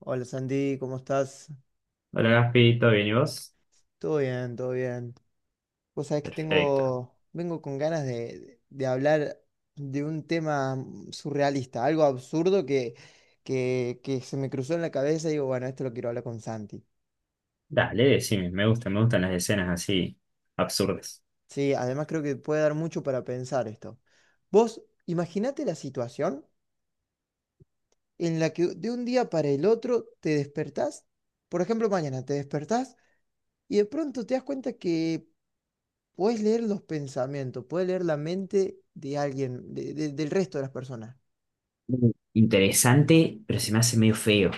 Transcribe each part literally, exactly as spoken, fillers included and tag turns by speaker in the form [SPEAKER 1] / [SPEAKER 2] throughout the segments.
[SPEAKER 1] Hola Sandy, ¿cómo estás?
[SPEAKER 2] Hola Gaspi, ¿todo bien y vos?
[SPEAKER 1] Todo bien, todo bien. Vos sabés que
[SPEAKER 2] Perfecto.
[SPEAKER 1] tengo, vengo con ganas de, de hablar de un tema mm, surrealista, algo absurdo que, que, que se me cruzó en la cabeza y digo, bueno, esto lo quiero hablar con Santi.
[SPEAKER 2] Dale, decime, me gustan, me gustan las escenas así absurdas.
[SPEAKER 1] Sí, además creo que puede dar mucho para pensar esto. Vos, imaginate la situación en la que de un día para el otro te despertás, por ejemplo, mañana te despertás y de pronto te das cuenta que puedes leer los pensamientos, puedes leer la mente de alguien, de- de- del resto de las personas.
[SPEAKER 2] Mm, Interesante, pero se me hace medio feo.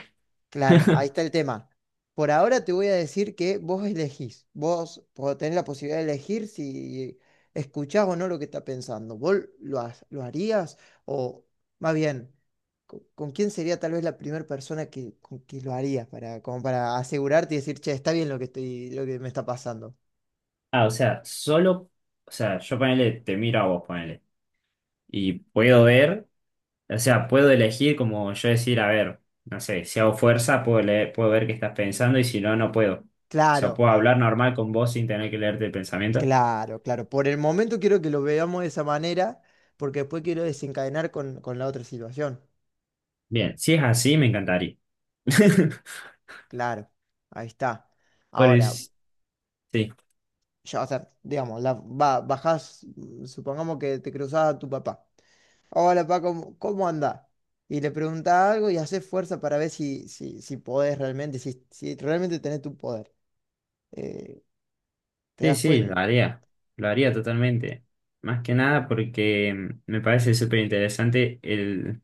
[SPEAKER 1] Claro, ahí está el tema. Por ahora te voy a decir que vos elegís, vos po- tenés la posibilidad de elegir si escuchás o no lo que está pensando. ¿Vos lo, ha- lo harías? O más bien, co- ¿con quién sería tal vez la primera persona que, con que lo harías para, como para asegurarte y decir, che, está bien lo que estoy, lo que me está pasando?
[SPEAKER 2] Ah, o sea, solo, o sea, yo ponele, te miro a vos, ponele. Y puedo ver, o sea, puedo elegir como yo decir, a ver, no sé, si hago fuerza, puedo leer, puedo ver qué estás pensando y si no, no puedo. O sea,
[SPEAKER 1] Claro.
[SPEAKER 2] puedo hablar normal con vos sin tener que leerte el pensamiento.
[SPEAKER 1] Claro, claro. Por el momento quiero que lo veamos de esa manera, porque después quiero desencadenar con, con la otra situación.
[SPEAKER 2] Bien, si es así, me encantaría.
[SPEAKER 1] Claro, ahí está. Ahora,
[SPEAKER 2] Pues sí.
[SPEAKER 1] ya, o sea, digamos, la, ba- bajás, mm, supongamos que te cruzás a tu papá. Hola, papá, ¿cómo, cómo andás? Y le preguntás algo y haces fuerza para ver si, si, si podés realmente, si, si realmente tenés tu poder. Eh, ¿te
[SPEAKER 2] Sí,
[SPEAKER 1] das
[SPEAKER 2] sí,
[SPEAKER 1] cuenta?
[SPEAKER 2] lo haría, lo haría totalmente. Más que nada porque mm, me parece súper interesante el…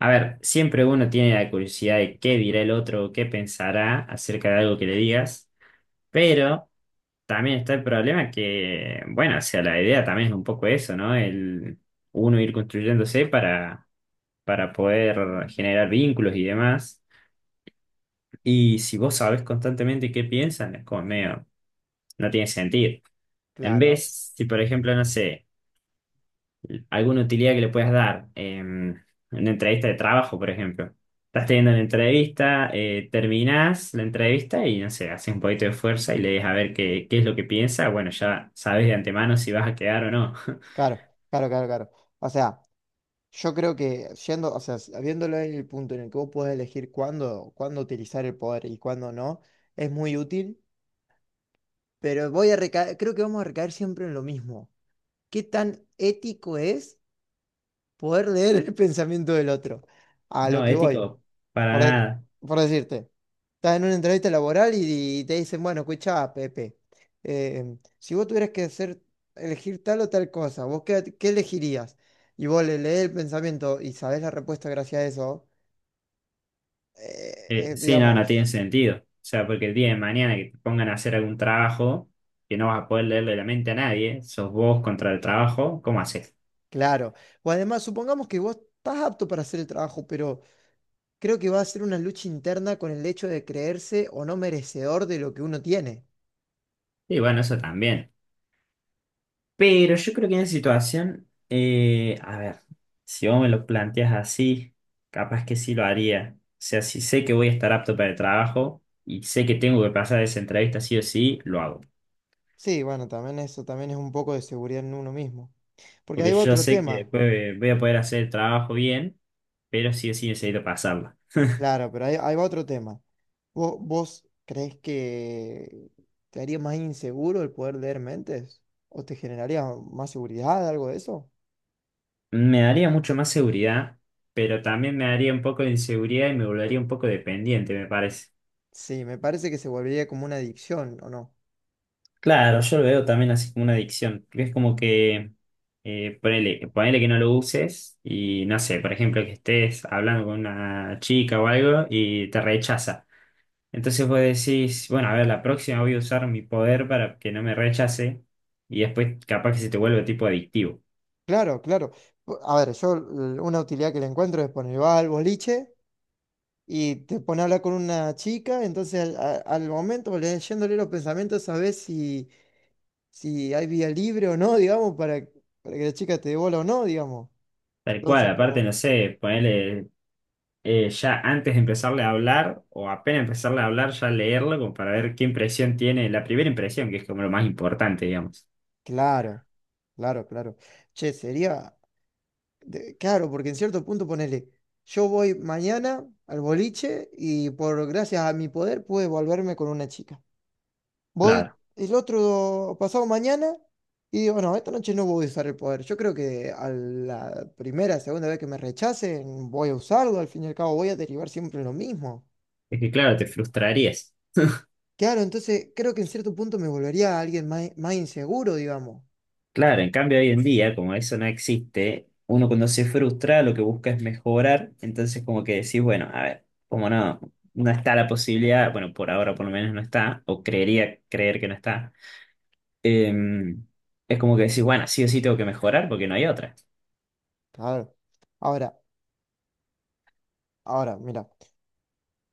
[SPEAKER 2] A ver, siempre uno tiene la curiosidad de qué dirá el otro, qué pensará acerca de algo que le digas, pero también está el problema que, bueno, o sea, la idea también es un poco eso, ¿no? El uno ir construyéndose para, para poder generar vínculos y demás. Y si vos sabés constantemente qué piensan, es como medio, no tiene sentido. En
[SPEAKER 1] Claro,
[SPEAKER 2] vez, si por ejemplo, no sé alguna utilidad que le puedas dar em, en una entrevista de trabajo, por ejemplo. Estás teniendo la entrevista, eh, terminás la entrevista y no sé, haces un poquito de fuerza y le dejas a ver qué, qué es lo que piensa. Bueno, ya sabes de antemano si vas a quedar o no.
[SPEAKER 1] claro, claro, claro, claro. O sea. Yo creo que yendo, o sea, s- viéndolo en el punto en el que vos podés elegir cuándo, cuándo utilizar el poder y cuándo no, es muy útil, pero voy a recaer, creo que vamos a recaer siempre en lo mismo. ¿Qué tan ético es poder leer el pensamiento del otro? A lo
[SPEAKER 2] No,
[SPEAKER 1] que voy,
[SPEAKER 2] ético, para
[SPEAKER 1] por, de-
[SPEAKER 2] nada.
[SPEAKER 1] por decirte, estás en una entrevista laboral y, y te dicen, bueno, escuchá, Pepe, eh, si vos tuvieras que hacer, elegir tal o tal cosa, ¿vos qué, qué elegirías? Y vos le lees el pensamiento y sabés la respuesta gracias a eso. eh,
[SPEAKER 2] Eh,
[SPEAKER 1] eh,
[SPEAKER 2] sí, no, no
[SPEAKER 1] digamos,
[SPEAKER 2] tiene sentido. O sea, porque el día de mañana que te pongan a hacer algún trabajo que no vas a poder leerle la mente a nadie, sos vos contra el trabajo, ¿cómo haces?
[SPEAKER 1] claro. O además, supongamos que vos estás apto para hacer el trabajo, pero creo que va a ser una lucha interna con el hecho de creerse o no merecedor de lo que uno tiene.
[SPEAKER 2] Y bueno, eso también. Pero yo creo que en esa situación, eh, a ver, si vos me lo planteas así, capaz que sí lo haría. O sea, si sé que voy a estar apto para el trabajo y sé que tengo que pasar esa entrevista sí o sí, lo hago.
[SPEAKER 1] Sí, bueno, también eso también es un poco de seguridad en uno mismo. Porque
[SPEAKER 2] Porque
[SPEAKER 1] ahí va
[SPEAKER 2] yo
[SPEAKER 1] otro
[SPEAKER 2] sé que
[SPEAKER 1] tema.
[SPEAKER 2] después eh, voy a poder hacer el trabajo bien, pero sí o sí necesito pasarla.
[SPEAKER 1] Claro, pero ahí, ahí va otro tema. ¿Vos, vos crees que te haría más inseguro el poder leer mentes? ¿O te generaría más seguridad, algo de eso?
[SPEAKER 2] Me daría mucho más seguridad, pero también me daría un poco de inseguridad y me volvería un poco dependiente, me parece.
[SPEAKER 1] Sí, me parece que se volvería como una adicción, ¿o no?
[SPEAKER 2] Claro, yo lo veo también así como una adicción, porque es como que eh, ponele, ponele que no lo uses y no sé, por ejemplo, que estés hablando con una chica o algo y te rechaza. Entonces vos decís, bueno, a ver, la próxima voy a usar mi poder para que no me rechace y después capaz que se te vuelve tipo adictivo.
[SPEAKER 1] Claro, claro. A ver, yo l- una utilidad que le encuentro es poner, va al boliche y te pone a hablar con una chica, entonces al, a- al momento, leyéndole los pensamientos, sabes si, si hay vía libre o no, digamos, para, para que la chica te dé bola o no, digamos.
[SPEAKER 2] Tal cual,
[SPEAKER 1] Entonces, como,
[SPEAKER 2] aparte,
[SPEAKER 1] que-
[SPEAKER 2] no sé, ponele eh, ya antes de empezarle a hablar o apenas empezarle a hablar, ya leerlo como para ver qué impresión tiene, la primera impresión, que es como lo más importante, digamos.
[SPEAKER 1] claro, claro, claro. Che, sería, de- claro, porque en cierto punto ponele, yo voy mañana al boliche y por gracias a mi poder pude volverme con una chica. Voy el otro pasado mañana y digo, no, esta noche no voy a usar el poder. Yo creo que a la primera, segunda vez que me rechacen, voy a usarlo. Al fin y al cabo, voy a derivar siempre en lo mismo.
[SPEAKER 2] Es que claro, te frustrarías.
[SPEAKER 1] Claro, entonces creo que en cierto punto me volvería alguien más, más inseguro, digamos.
[SPEAKER 2] Claro, en cambio hoy en día, como eso no existe, uno cuando se frustra lo que busca es mejorar, entonces como que decís, bueno, a ver, como no, no está la posibilidad, bueno, por ahora por lo menos no está, o creería creer que no está, em, es como que decís, bueno, sí o sí tengo que mejorar porque no hay otra.
[SPEAKER 1] Claro. Ahora, ahora, mira,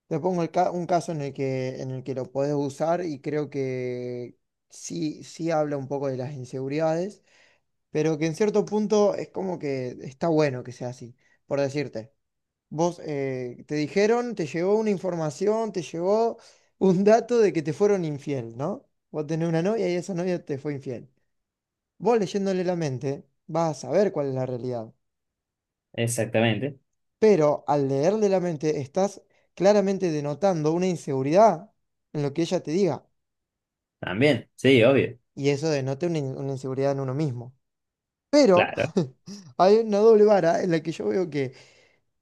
[SPEAKER 1] te pongo el ca- un caso en el que, en el que lo podés usar y creo que sí, sí habla un poco de las inseguridades, pero que en cierto punto es como que está bueno que sea así, por decirte. Vos eh, te dijeron, te llegó una información, te llegó un dato de que te fueron infiel, ¿no? Vos tenés una novia y esa novia te fue infiel. Vos leyéndole la mente, vas a saber cuál es la realidad.
[SPEAKER 2] Exactamente,
[SPEAKER 1] Pero al leerle la mente, estás claramente denotando una inseguridad en lo que ella te diga.
[SPEAKER 2] también, sí, obvio,
[SPEAKER 1] Y eso denota una, in- una inseguridad en uno mismo. Pero
[SPEAKER 2] claro.
[SPEAKER 1] hay una doble vara en la que yo veo que,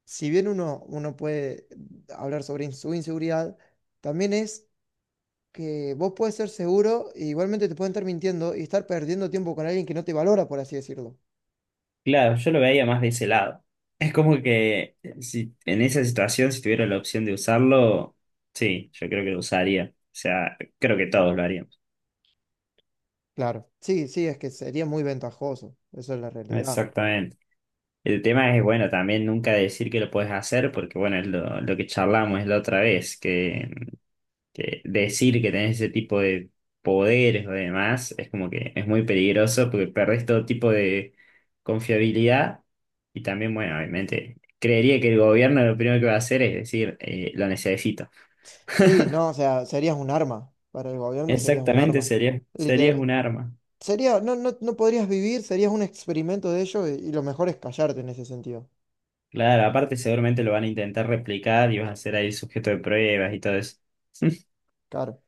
[SPEAKER 1] si bien uno, uno puede hablar sobre in- su inseguridad, también es que vos puedes ser seguro e igualmente te pueden estar mintiendo y estar perdiendo tiempo con alguien que no te valora, por así decirlo.
[SPEAKER 2] Claro, yo lo veía más de ese lado. Es como que si en esa situación, si tuviera la opción de usarlo, sí, yo creo que lo usaría. O sea, creo que todos lo haríamos.
[SPEAKER 1] Claro. Sí, sí, es que sería muy ventajoso. Eso es la realidad.
[SPEAKER 2] Exactamente. El tema es, bueno, también nunca decir que lo puedes hacer, porque bueno, es lo, lo que charlamos la otra vez, que que decir que tenés ese tipo de poderes o demás es como que es muy peligroso porque perdés todo tipo de confiabilidad y también, bueno, obviamente, creería que el gobierno lo primero que va a hacer es decir, eh, lo necesito.
[SPEAKER 1] Sí, no, o sea, serías un arma. Para el gobierno serías un
[SPEAKER 2] Exactamente,
[SPEAKER 1] arma.
[SPEAKER 2] sería, serías
[SPEAKER 1] Literal,
[SPEAKER 2] un arma.
[SPEAKER 1] sería, no, no, no podrías vivir, serías un experimento de ellos y, y lo mejor es callarte en ese sentido.
[SPEAKER 2] Claro, aparte seguramente lo van a intentar replicar y vas a ser ahí sujeto de pruebas y todo eso.
[SPEAKER 1] Claro.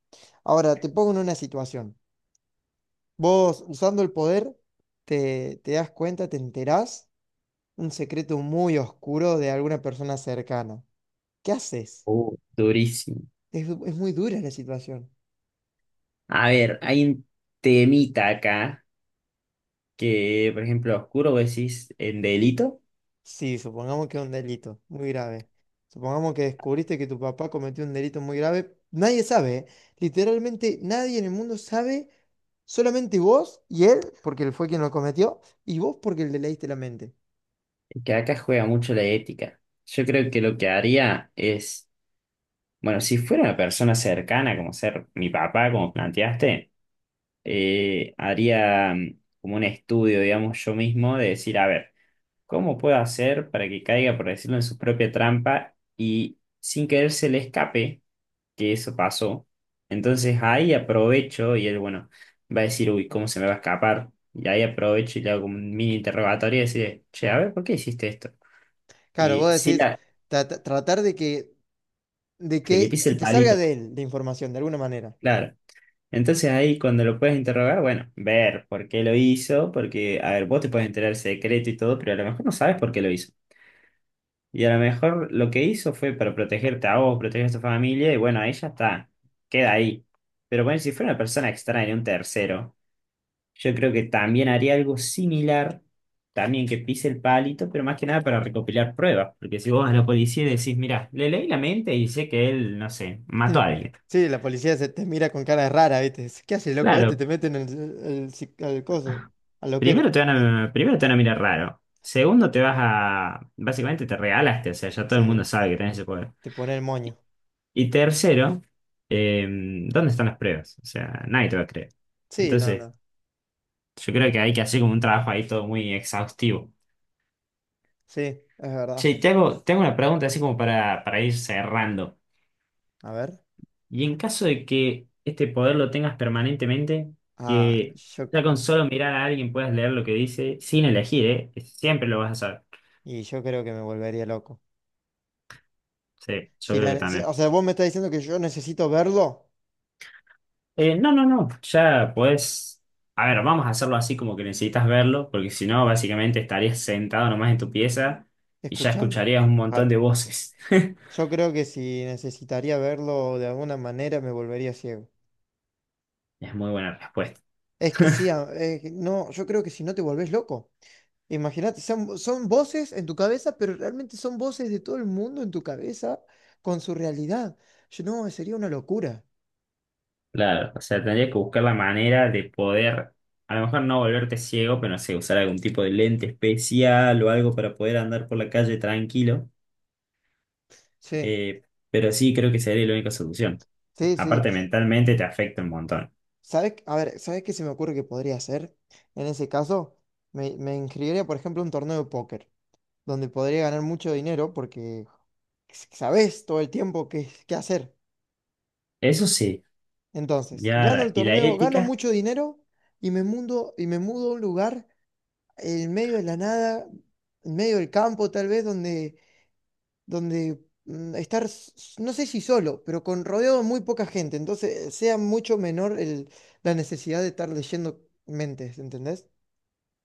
[SPEAKER 1] Ahora, te pongo en una situación. Vos, usando el poder, te, te das cuenta, te enterás un secreto muy oscuro de alguna persona cercana. ¿Qué haces?
[SPEAKER 2] Uh, durísimo.
[SPEAKER 1] Es, es muy dura la situación.
[SPEAKER 2] A ver, hay un temita acá que, por ejemplo, oscuro vos decís en delito.
[SPEAKER 1] Sí, supongamos que es un delito muy grave. Supongamos que descubriste que tu papá cometió un delito muy grave. Nadie sabe, ¿eh? Literalmente nadie en el mundo sabe, solamente vos y él, porque él fue quien lo cometió, y vos porque le leíste la mente.
[SPEAKER 2] Que acá juega mucho la ética. Yo creo que lo que haría es, bueno, si fuera una persona cercana, como ser mi papá, como planteaste, eh, haría mm, como un estudio, digamos, yo mismo, de decir, a ver, ¿cómo puedo hacer para que caiga, por decirlo, en su propia trampa y sin querer se le escape que eso pasó? Entonces ahí aprovecho y él, bueno, va a decir, uy, ¿cómo se me va a escapar? Y ahí aprovecho y le hago como un mini interrogatorio y decir, che, a ver, ¿por qué hiciste esto?
[SPEAKER 1] Claro,
[SPEAKER 2] Y
[SPEAKER 1] vos
[SPEAKER 2] sí,
[SPEAKER 1] decís
[SPEAKER 2] la,
[SPEAKER 1] "Tra- tra- tratar de que, de
[SPEAKER 2] de que
[SPEAKER 1] que
[SPEAKER 2] pise el
[SPEAKER 1] te salga
[SPEAKER 2] palito,
[SPEAKER 1] de él la información de alguna manera.
[SPEAKER 2] claro. Entonces ahí cuando lo puedes interrogar, bueno, ver por qué lo hizo, porque, a ver, vos te puedes enterar el secreto y todo, pero a lo mejor no sabes por qué lo hizo. Y a lo mejor lo que hizo fue para protegerte a vos, proteger a tu familia, y bueno, ahí ya está, queda ahí. Pero bueno, si fuera una persona extraña, un tercero, yo creo que también haría algo similar, también que pise el palito, pero más que nada para recopilar pruebas, porque si vos a la policía decís, mirá, le leí la mente y sé que él, no sé,
[SPEAKER 1] Hmm.
[SPEAKER 2] mató a alguien.
[SPEAKER 1] Sí, la policía se te mira con cara rara, ¿viste? ¿Qué hace, loco? Este
[SPEAKER 2] Claro,
[SPEAKER 1] te meten al, al, psi- al coso, al loquero.
[SPEAKER 2] primero te van a, primero te van a mirar raro. Segundo, te vas a… Básicamente te regalaste, o sea, ya todo el
[SPEAKER 1] Sí,
[SPEAKER 2] mundo sabe que tenés ese poder.
[SPEAKER 1] te pone el moño.
[SPEAKER 2] Y tercero, eh, ¿dónde están las pruebas? O sea, nadie te va a creer.
[SPEAKER 1] Sí, no,
[SPEAKER 2] Entonces,
[SPEAKER 1] no.
[SPEAKER 2] yo creo que hay que hacer como un trabajo ahí todo muy exhaustivo.
[SPEAKER 1] Sí, es
[SPEAKER 2] Che,
[SPEAKER 1] verdad.
[SPEAKER 2] y te hago, te hago una pregunta así como para, para ir cerrando.
[SPEAKER 1] A ver.
[SPEAKER 2] Y en caso de que este poder lo tengas permanentemente,
[SPEAKER 1] Ah,
[SPEAKER 2] que
[SPEAKER 1] yo.
[SPEAKER 2] ya con solo mirar a alguien puedas leer lo que dice, sin elegir, ¿eh? Siempre lo vas a saber.
[SPEAKER 1] Y yo creo que me volvería loco.
[SPEAKER 2] Sí, yo
[SPEAKER 1] Si
[SPEAKER 2] creo que
[SPEAKER 1] la- si-
[SPEAKER 2] también.
[SPEAKER 1] o sea, vos me estás diciendo que yo necesito verlo
[SPEAKER 2] Eh, no, no, no, ya pues, a ver, vamos a hacerlo así como que necesitas verlo, porque si no, básicamente estarías sentado nomás en tu pieza y ya
[SPEAKER 1] escuchando.
[SPEAKER 2] escucharías un montón
[SPEAKER 1] Claro.
[SPEAKER 2] de voces.
[SPEAKER 1] Yo creo que si necesitaría verlo de alguna manera me volvería ciego.
[SPEAKER 2] Es muy buena respuesta.
[SPEAKER 1] Es que sí, a- es que no, yo creo que si no te volvés loco. Imagínate, son, son voces en tu cabeza, pero realmente son voces de todo el mundo en tu cabeza con su realidad. Yo no, sería una locura.
[SPEAKER 2] Claro, o sea, tendrías que buscar la manera de poder, a lo mejor no volverte ciego, pero no sé, usar algún tipo de lente especial o algo para poder andar por la calle tranquilo.
[SPEAKER 1] Sí.
[SPEAKER 2] Eh, pero sí, creo que sería la única solución.
[SPEAKER 1] Sí, sí.
[SPEAKER 2] Aparte, mentalmente te afecta un montón.
[SPEAKER 1] ¿Sabes? A ver, ¿sabes qué se me ocurre que podría hacer? En ese caso, me, me inscribiría, por ejemplo, a un torneo de póker, donde podría ganar mucho dinero porque s- sabes todo el tiempo qué, qué hacer.
[SPEAKER 2] Eso sí,
[SPEAKER 1] Entonces,
[SPEAKER 2] ya,
[SPEAKER 1] gano el
[SPEAKER 2] la… ¿y la
[SPEAKER 1] torneo, gano
[SPEAKER 2] ética?
[SPEAKER 1] mucho dinero y me mudo, y me mudo a un lugar en medio de la nada, en medio del campo tal vez, donde, donde mm, estar, s- s- no sé si solo, pero con rodeado de muy poca gente. Entonces, sea mucho menor el- la necesidad de estar leyendo mentes, ¿entendés?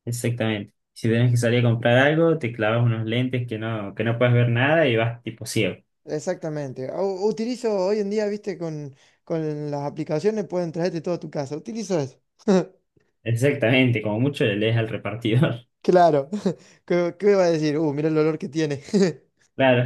[SPEAKER 2] Exactamente. Si tenés que salir a comprar algo, te clavas unos lentes que no, que no puedes ver nada y vas tipo ciego.
[SPEAKER 1] Exactamente. U- utilizo hoy en día, viste, con, con las aplicaciones pueden traerte todo a tu casa. Utilizo eso.
[SPEAKER 2] Exactamente, como mucho le lees al repartidor.
[SPEAKER 1] Claro. ¿Qué, qué va a decir? Uh, mira el olor que tiene.
[SPEAKER 2] Claro,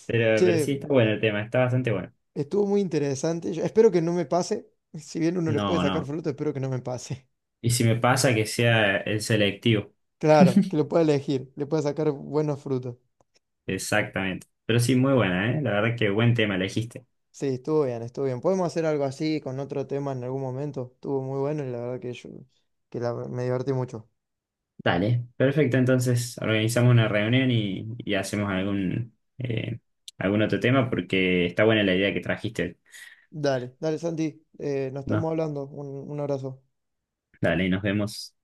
[SPEAKER 2] pero, pero sí
[SPEAKER 1] Che,
[SPEAKER 2] está bueno el tema, está bastante bueno.
[SPEAKER 1] estuvo muy interesante. Yo espero que no me pase. Si bien uno le puede
[SPEAKER 2] No,
[SPEAKER 1] sacar
[SPEAKER 2] no.
[SPEAKER 1] fruto, espero que no me pase.
[SPEAKER 2] Y si me pasa que sea el selectivo.
[SPEAKER 1] Claro, que lo pueda elegir. Le pueda sacar buenos frutos.
[SPEAKER 2] Exactamente. Pero sí, muy buena, ¿eh? La verdad que buen tema elegiste.
[SPEAKER 1] Sí, estuvo bien, estuvo bien. Podemos hacer algo así con otro tema en algún momento. Estuvo muy bueno y la verdad que yo que la- me divertí mucho.
[SPEAKER 2] Dale. Perfecto, entonces organizamos una reunión y, y hacemos algún, eh, algún otro tema porque está buena la idea que trajiste.
[SPEAKER 1] Dale, dale, Santi. eh, nos
[SPEAKER 2] No,
[SPEAKER 1] estamos hablando. un un abrazo.
[SPEAKER 2] dale, nos vemos.